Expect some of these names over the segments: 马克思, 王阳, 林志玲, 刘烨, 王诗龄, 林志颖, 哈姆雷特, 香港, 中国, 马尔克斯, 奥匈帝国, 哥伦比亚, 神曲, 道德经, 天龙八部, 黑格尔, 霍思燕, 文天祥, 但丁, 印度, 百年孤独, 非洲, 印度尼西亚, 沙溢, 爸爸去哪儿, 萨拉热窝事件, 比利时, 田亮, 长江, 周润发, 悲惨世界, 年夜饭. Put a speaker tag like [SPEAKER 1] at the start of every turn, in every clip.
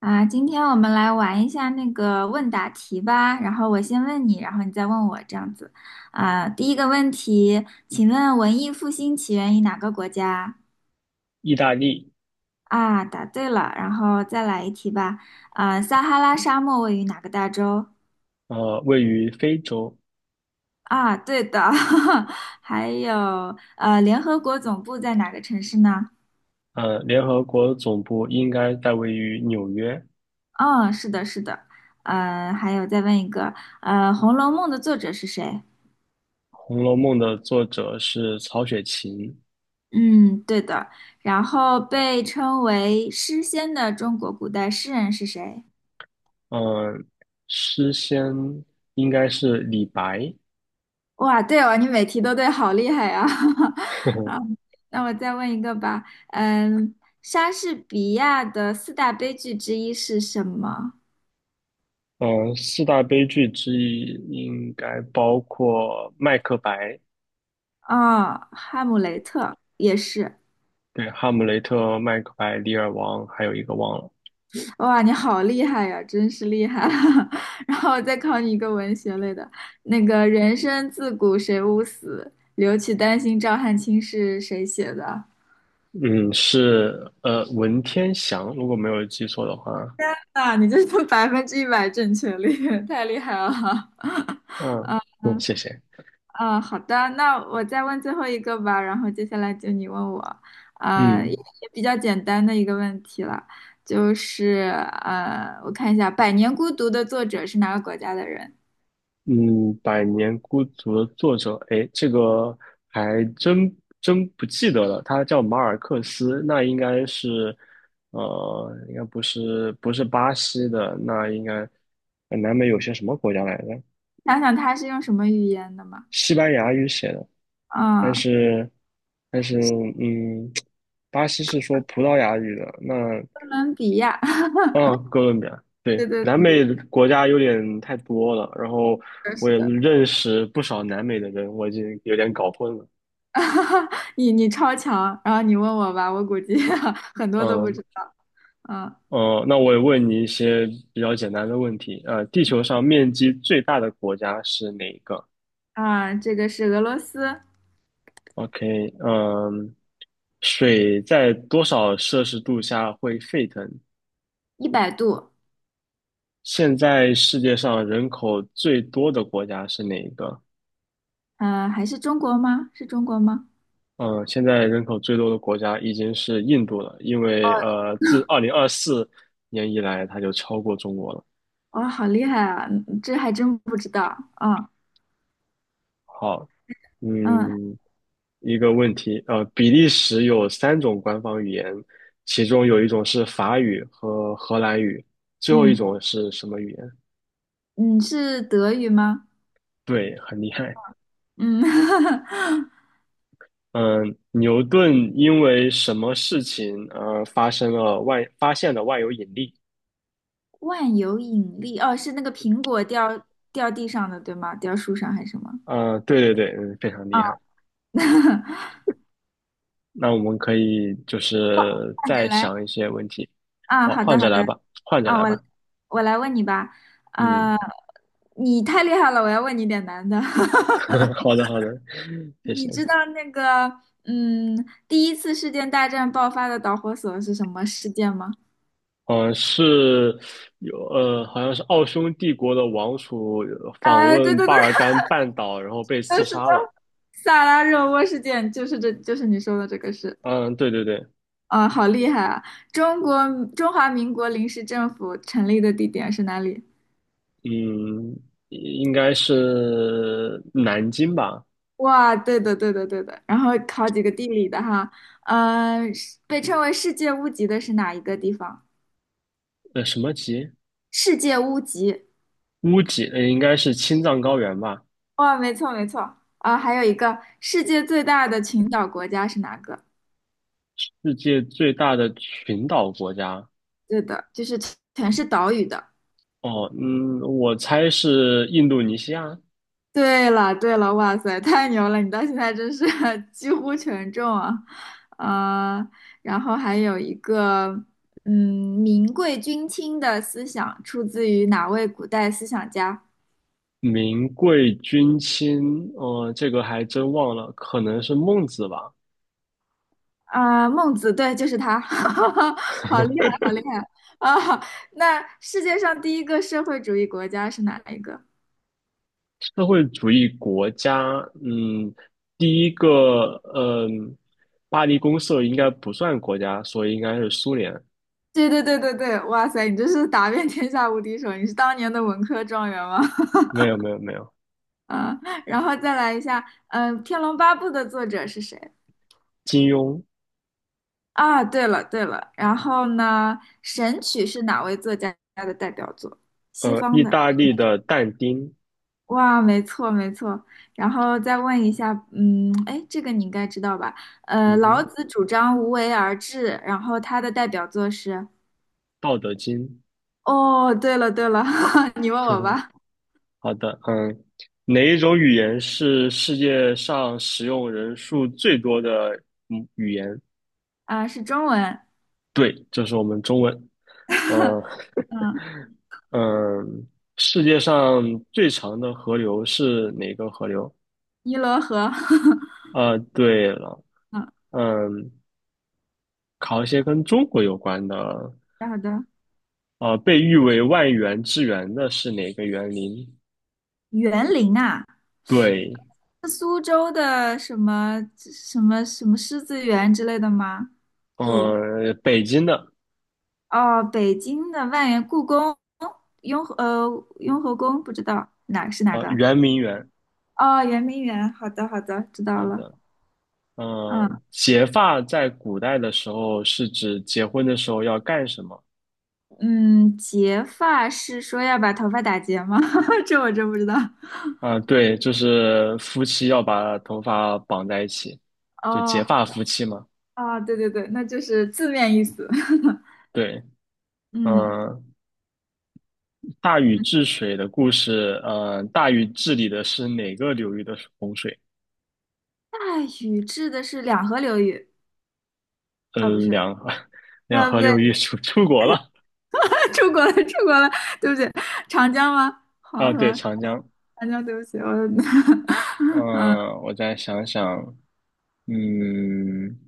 [SPEAKER 1] 啊，今天我们来玩一下那个问答题吧。然后我先问你，然后你再问我，这样子。啊，第一个问题，请问文艺复兴起源于哪个国家？
[SPEAKER 2] 意大利，
[SPEAKER 1] 啊，答对了。然后再来一题吧。啊，撒哈拉沙漠位于哪个大洲？
[SPEAKER 2] 位于非洲，
[SPEAKER 1] 啊，对的。还有，联合国总部在哪个城市呢？
[SPEAKER 2] 联合国总部应该在位于纽约。
[SPEAKER 1] 嗯，是的，是的。还有再问一个，《红楼梦》的作者是谁？
[SPEAKER 2] 《红楼梦》的作者是曹雪芹，
[SPEAKER 1] 嗯，对的。然后被称为诗仙的中国古代诗人是谁？
[SPEAKER 2] 嗯、诗仙应该是李白。
[SPEAKER 1] 哇，对哦，你每题都对，好厉害啊！那我再问一个吧，嗯，莎士比亚的四大悲剧之一是什么？
[SPEAKER 2] 四大悲剧之一应该包括《麦克白》。
[SPEAKER 1] 啊、哈姆雷特也是。
[SPEAKER 2] 对，《哈姆雷特》、《麦克白》、《李尔王》，还有一个忘了。
[SPEAKER 1] 哇，你好厉害呀、真是厉害！然后我再考你一个文学类的，那个"人生自古谁无死，留取丹心照汗青"是谁写的？
[SPEAKER 2] 嗯，是文天祥，如果没有记错的话。
[SPEAKER 1] 那你这是100%正确率，太厉害了。
[SPEAKER 2] 嗯嗯，谢谢，
[SPEAKER 1] 啊，好的，那我再问最后一个吧，然后接下来就你问我，啊，
[SPEAKER 2] 嗯。
[SPEAKER 1] 也比较简单的一个问题了，就是我看一下《百年孤独》的作者是哪个国家的人？
[SPEAKER 2] 嗯，《百年孤独》的作者，哎，这个还真不记得了。他叫马尔克斯，那应该是。应该不是巴西的，那应该南美有些什么国家来着？
[SPEAKER 1] 想想他是用什么语言的嘛？
[SPEAKER 2] 西班牙语写的，但
[SPEAKER 1] 啊、
[SPEAKER 2] 是但是，嗯，巴西是说葡萄牙语的，那
[SPEAKER 1] 哥伦比亚，
[SPEAKER 2] 啊，哥伦比亚。对，
[SPEAKER 1] 对对，
[SPEAKER 2] 南
[SPEAKER 1] 是
[SPEAKER 2] 美的国家有点太多了，然后
[SPEAKER 1] 的，
[SPEAKER 2] 我
[SPEAKER 1] 是
[SPEAKER 2] 也
[SPEAKER 1] 的
[SPEAKER 2] 认识不少南美的人，我已经有点搞混了。
[SPEAKER 1] 你超强，然后你问我吧，我估计 很多都不
[SPEAKER 2] 嗯，
[SPEAKER 1] 知道，嗯
[SPEAKER 2] 哦，那我也问你一些比较简单的问题。地球上面积最大的国家是哪一个
[SPEAKER 1] 啊，这个是俄罗斯。
[SPEAKER 2] ？OK。嗯，水在多少摄氏度下会沸腾？
[SPEAKER 1] 100度，
[SPEAKER 2] 现在世界上人口最多的国家是哪一个？
[SPEAKER 1] 还是中国吗？是中国吗？
[SPEAKER 2] 嗯，现在人口最多的国家已经是印度了，因为自2024年以来，它就超过中国了。
[SPEAKER 1] 哇、好厉害啊！嗯这还真不知道。啊，
[SPEAKER 2] 好。
[SPEAKER 1] 嗯
[SPEAKER 2] 嗯，一个问题。比利时有三种官方语言，其中有一种是法语和荷兰语，最后一
[SPEAKER 1] 嗯
[SPEAKER 2] 种是什么语言？
[SPEAKER 1] 嗯，是德语吗？
[SPEAKER 2] 对，很厉害。
[SPEAKER 1] 嗯，
[SPEAKER 2] 嗯，牛顿因为什么事情而发现了万有引力？
[SPEAKER 1] 万有引力，哦，是那个苹果掉地上的，对吗？掉树上还是什么？
[SPEAKER 2] 嗯，对对对，非常
[SPEAKER 1] 啊，
[SPEAKER 2] 厉害。那我们可以就是
[SPEAKER 1] 换着
[SPEAKER 2] 再
[SPEAKER 1] 来
[SPEAKER 2] 想一些问题。
[SPEAKER 1] 啊，
[SPEAKER 2] 好，
[SPEAKER 1] 好
[SPEAKER 2] 换
[SPEAKER 1] 的
[SPEAKER 2] 着
[SPEAKER 1] 好
[SPEAKER 2] 来
[SPEAKER 1] 的
[SPEAKER 2] 吧，换着
[SPEAKER 1] 啊，
[SPEAKER 2] 来
[SPEAKER 1] 我来
[SPEAKER 2] 吧。
[SPEAKER 1] 我来问你吧。
[SPEAKER 2] 嗯，
[SPEAKER 1] 啊，你太厉害了，我要问你点难的。
[SPEAKER 2] 好的好的，谢
[SPEAKER 1] 你
[SPEAKER 2] 谢。
[SPEAKER 1] 知道那个嗯，第一次世界大战爆发的导火索是什么事件吗？
[SPEAKER 2] 嗯，是有好像是奥匈帝国的王储访
[SPEAKER 1] 哎，对
[SPEAKER 2] 问
[SPEAKER 1] 对
[SPEAKER 2] 巴
[SPEAKER 1] 对，
[SPEAKER 2] 尔干半岛，然后被 刺
[SPEAKER 1] 是的，
[SPEAKER 2] 杀了。
[SPEAKER 1] 萨拉热窝事件就是这，就是你说的这个事。
[SPEAKER 2] 嗯，对对对。
[SPEAKER 1] 啊，好厉害啊！中国中华民国临时政府成立的地点是哪里？
[SPEAKER 2] 嗯，应该是南京吧？
[SPEAKER 1] 哇，对的，对的，对的。然后考几个地理的哈，是被称为世界屋脊的是哪一个地方？
[SPEAKER 2] 什么级？
[SPEAKER 1] 世界屋脊。
[SPEAKER 2] 乌级？应该是青藏高原吧？
[SPEAKER 1] 哇，没错，没错。啊，还有一个世界最大的群岛国家是哪个？
[SPEAKER 2] 世界最大的群岛国家。
[SPEAKER 1] 对的，就是全是岛屿的。
[SPEAKER 2] 哦，我猜是印度尼西亚。
[SPEAKER 1] 对了，对了，哇塞，太牛了！你到现在真是 几乎全中啊，呃，然后还有一个，民贵君轻的思想出自于哪位古代思想家？
[SPEAKER 2] 名贵君亲。这个还真忘了，可能是孟子吧。
[SPEAKER 1] 啊、孟子，对，就是他，好厉害，好厉害啊！那世界上第一个社会主义国家是哪一个？
[SPEAKER 2] 社会主义国家，第一个，巴黎公社应该不算国家，所以应该是苏联。
[SPEAKER 1] 对对对对对，哇塞，你这是打遍天下无敌手，你是当年的文科状元吗？
[SPEAKER 2] 没有，没有，没有。
[SPEAKER 1] 嗯，然后再来一下，《天龙八部》的作者是谁？
[SPEAKER 2] 金庸。
[SPEAKER 1] 啊，对了对了，然后呢，《神曲》是哪位作家的代表作？西方
[SPEAKER 2] 意
[SPEAKER 1] 的。
[SPEAKER 2] 大利的但丁。
[SPEAKER 1] 哇，没错没错。然后再问一下，哎，这个你应该知道吧？
[SPEAKER 2] 嗯
[SPEAKER 1] 老
[SPEAKER 2] 哼，
[SPEAKER 1] 子主张无为而治，然后他的代表作是……
[SPEAKER 2] 道德经。
[SPEAKER 1] 哦，对了对了，你 问
[SPEAKER 2] 呵
[SPEAKER 1] 我
[SPEAKER 2] 呵，
[SPEAKER 1] 吧。
[SPEAKER 2] 好的。嗯，哪一种语言是世界上使用人数最多的语言？
[SPEAKER 1] 啊，是中文。
[SPEAKER 2] 对，这是我们中文。呃，
[SPEAKER 1] 嗯，
[SPEAKER 2] 嗯，世界上最长的河流是哪个河流？
[SPEAKER 1] 《尼罗河》
[SPEAKER 2] 对了。
[SPEAKER 1] 嗯，
[SPEAKER 2] 嗯，考一些跟中国有关的。
[SPEAKER 1] 好的。
[SPEAKER 2] 被誉为万园之园的是哪个园林？
[SPEAKER 1] 园林啊，
[SPEAKER 2] 对。
[SPEAKER 1] 苏州的什么什么什么狮子园之类的吗？就
[SPEAKER 2] 北京的。
[SPEAKER 1] 哦，北京的万源故宫、雍和宫，不知道哪是哪个？
[SPEAKER 2] 圆明园。
[SPEAKER 1] 哦，圆明园。好的，好的，知道
[SPEAKER 2] 好
[SPEAKER 1] 了。
[SPEAKER 2] 的。
[SPEAKER 1] 嗯
[SPEAKER 2] 结发在古代的时候是指结婚的时候要干什么？
[SPEAKER 1] 嗯，结发是说要把头发打结吗？这我真不知道。
[SPEAKER 2] 啊，对，就是夫妻要把头发绑在一起，就
[SPEAKER 1] 哦，
[SPEAKER 2] 结
[SPEAKER 1] 好
[SPEAKER 2] 发夫妻嘛。
[SPEAKER 1] 啊，对对对，那就是字面意思。
[SPEAKER 2] 对。
[SPEAKER 1] 嗯，
[SPEAKER 2] 嗯，大禹治水的故事。嗯，大禹治理的是哪个流域的洪水？
[SPEAKER 1] 大禹治的是两河流域，啊，不
[SPEAKER 2] 嗯，
[SPEAKER 1] 是，
[SPEAKER 2] 两河 两
[SPEAKER 1] 不
[SPEAKER 2] 河
[SPEAKER 1] 对。
[SPEAKER 2] 流域出国了。
[SPEAKER 1] 出国了，出国了，对不起，长江吗？黄
[SPEAKER 2] 啊，对，
[SPEAKER 1] 河，
[SPEAKER 2] 长江。
[SPEAKER 1] 长江，对不起，我。
[SPEAKER 2] 嗯，我再想想。嗯，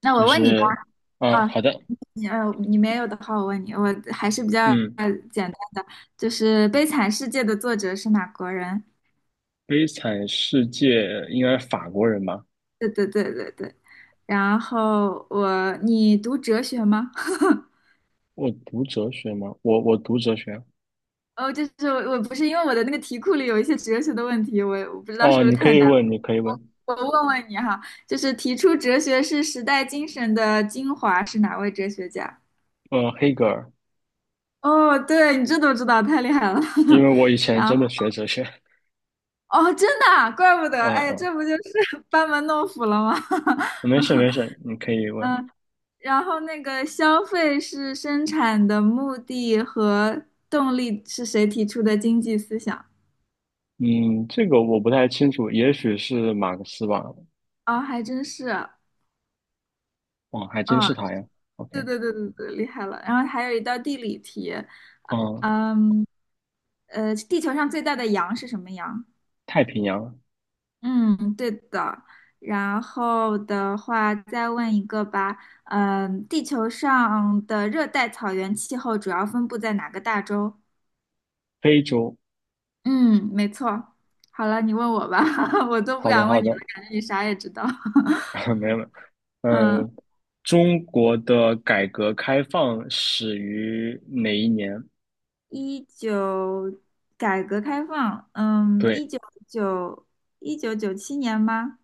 [SPEAKER 1] 那
[SPEAKER 2] 就
[SPEAKER 1] 我问你吧，
[SPEAKER 2] 是。
[SPEAKER 1] 啊，
[SPEAKER 2] 好的。
[SPEAKER 1] 你没有的话，我问你，我还是比较
[SPEAKER 2] 嗯，
[SPEAKER 1] 简单的，就是《悲惨世界》的作者是哪国人？
[SPEAKER 2] 悲惨世界应该是法国人吧？
[SPEAKER 1] 对对对对对。然后我，你读哲学吗？
[SPEAKER 2] 我读哲学吗？我读哲学。
[SPEAKER 1] 哦，就是我不是因为我的那个题库里有一些哲学的问题，我不知道是
[SPEAKER 2] 哦，
[SPEAKER 1] 不是
[SPEAKER 2] 你可
[SPEAKER 1] 太
[SPEAKER 2] 以
[SPEAKER 1] 难。
[SPEAKER 2] 问，你可以问。
[SPEAKER 1] 我问问你哈，就是提出哲学是时代精神的精华是哪位哲学家？
[SPEAKER 2] 黑格尔。
[SPEAKER 1] 哦，对，你这都知道，太厉害了。
[SPEAKER 2] 因 为我以前
[SPEAKER 1] 然后，
[SPEAKER 2] 真的学哲学。
[SPEAKER 1] 哦，真的啊怪不得，
[SPEAKER 2] 嗯
[SPEAKER 1] 哎，
[SPEAKER 2] 嗯，
[SPEAKER 1] 这不就是 班门弄斧了吗？
[SPEAKER 2] 没事没事，你可以问。
[SPEAKER 1] 嗯，然后那个消费是生产的目的和动力是谁提出的经济思想？
[SPEAKER 2] 嗯，这个我不太清楚，也许是马克思吧。
[SPEAKER 1] 啊、还真是，啊，
[SPEAKER 2] 哦，还真是他呀。
[SPEAKER 1] 对
[SPEAKER 2] OK。
[SPEAKER 1] 对对对对，厉害了。然后还有一道地理题，
[SPEAKER 2] 嗯，
[SPEAKER 1] 地球上最大的羊是什么羊？
[SPEAKER 2] 太平洋、
[SPEAKER 1] 嗯，对的。然后的话，再问一个吧。地球上的热带草原气候主要分布在哪个大洲？
[SPEAKER 2] 非洲。
[SPEAKER 1] 嗯，没错。好了，你问我吧，我都不
[SPEAKER 2] 好的
[SPEAKER 1] 敢
[SPEAKER 2] 好
[SPEAKER 1] 问你了，
[SPEAKER 2] 的，
[SPEAKER 1] 感觉你啥也知道。
[SPEAKER 2] 没有没有。
[SPEAKER 1] 嗯，
[SPEAKER 2] 嗯，中国的改革开放始于哪一年？
[SPEAKER 1] 一九改革开放，嗯，
[SPEAKER 2] 对，
[SPEAKER 1] 九1997年吗？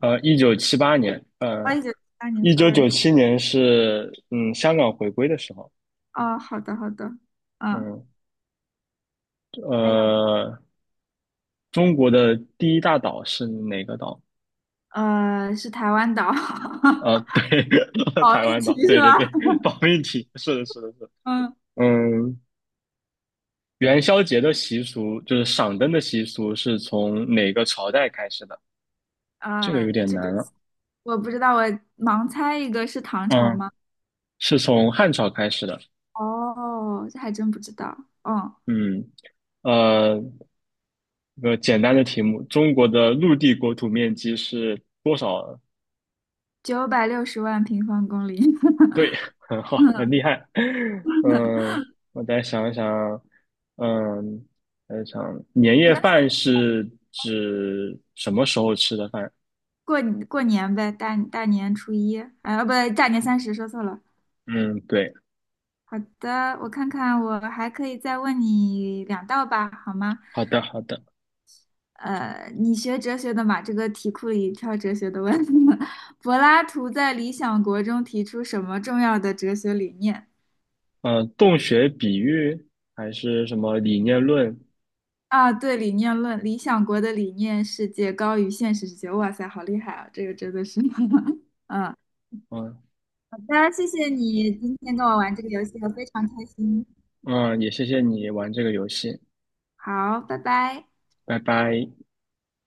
[SPEAKER 2] 1978年。
[SPEAKER 1] 啊，1978年
[SPEAKER 2] 一九
[SPEAKER 1] ，sorry。
[SPEAKER 2] 九七年是香港回归的时候。
[SPEAKER 1] 哦，好的，好的。嗯，
[SPEAKER 2] 嗯，
[SPEAKER 1] 还有，
[SPEAKER 2] 呃。中国的第一大岛是哪个岛？
[SPEAKER 1] 是台湾岛，
[SPEAKER 2] 对，
[SPEAKER 1] 保
[SPEAKER 2] 台
[SPEAKER 1] 命
[SPEAKER 2] 湾
[SPEAKER 1] 题
[SPEAKER 2] 岛，
[SPEAKER 1] 是
[SPEAKER 2] 对对
[SPEAKER 1] 吧？
[SPEAKER 2] 对。保命题，是的，是的，是的。
[SPEAKER 1] 嗯，
[SPEAKER 2] 嗯，元宵节的习俗就是赏灯的习俗是从哪个朝代开始的？这个
[SPEAKER 1] 啊，
[SPEAKER 2] 有点
[SPEAKER 1] 这个
[SPEAKER 2] 难了。
[SPEAKER 1] 我不知道，我盲猜一个是唐朝
[SPEAKER 2] 嗯，
[SPEAKER 1] 吗？
[SPEAKER 2] 是从汉朝开始的。
[SPEAKER 1] 哦，这还真不知道。哦，
[SPEAKER 2] 嗯，呃，一个简单的题目，中国的陆地国土面积是多少？
[SPEAKER 1] 960万平方公里。
[SPEAKER 2] 对，很好，很
[SPEAKER 1] 嗯，
[SPEAKER 2] 厉害。嗯，我再想一想。嗯，再想，年
[SPEAKER 1] 没
[SPEAKER 2] 夜
[SPEAKER 1] 关系，
[SPEAKER 2] 饭是指什么时候吃的饭？
[SPEAKER 1] 过过年呗，大年初一，啊，哦不，对，大年三十，说错了。
[SPEAKER 2] 嗯，对，
[SPEAKER 1] 好的，我看看，我还可以再问你两道吧，好吗？
[SPEAKER 2] 好的，好的。
[SPEAKER 1] 你学哲学的嘛，这个题库里挑哲学的问。柏拉图在《理想国》中提出什么重要的哲学理念？
[SPEAKER 2] 嗯，洞穴比喻还是什么理念论？
[SPEAKER 1] 啊，对，理念论，理想国的理念世界高于现实世界。哇塞，好厉害啊！这个真的是，嗯，
[SPEAKER 2] 嗯
[SPEAKER 1] 好的，谢谢你今天跟我玩这个游戏，我非常开心。
[SPEAKER 2] 嗯，也谢谢你玩这个游戏，
[SPEAKER 1] 好，拜拜。
[SPEAKER 2] 拜拜。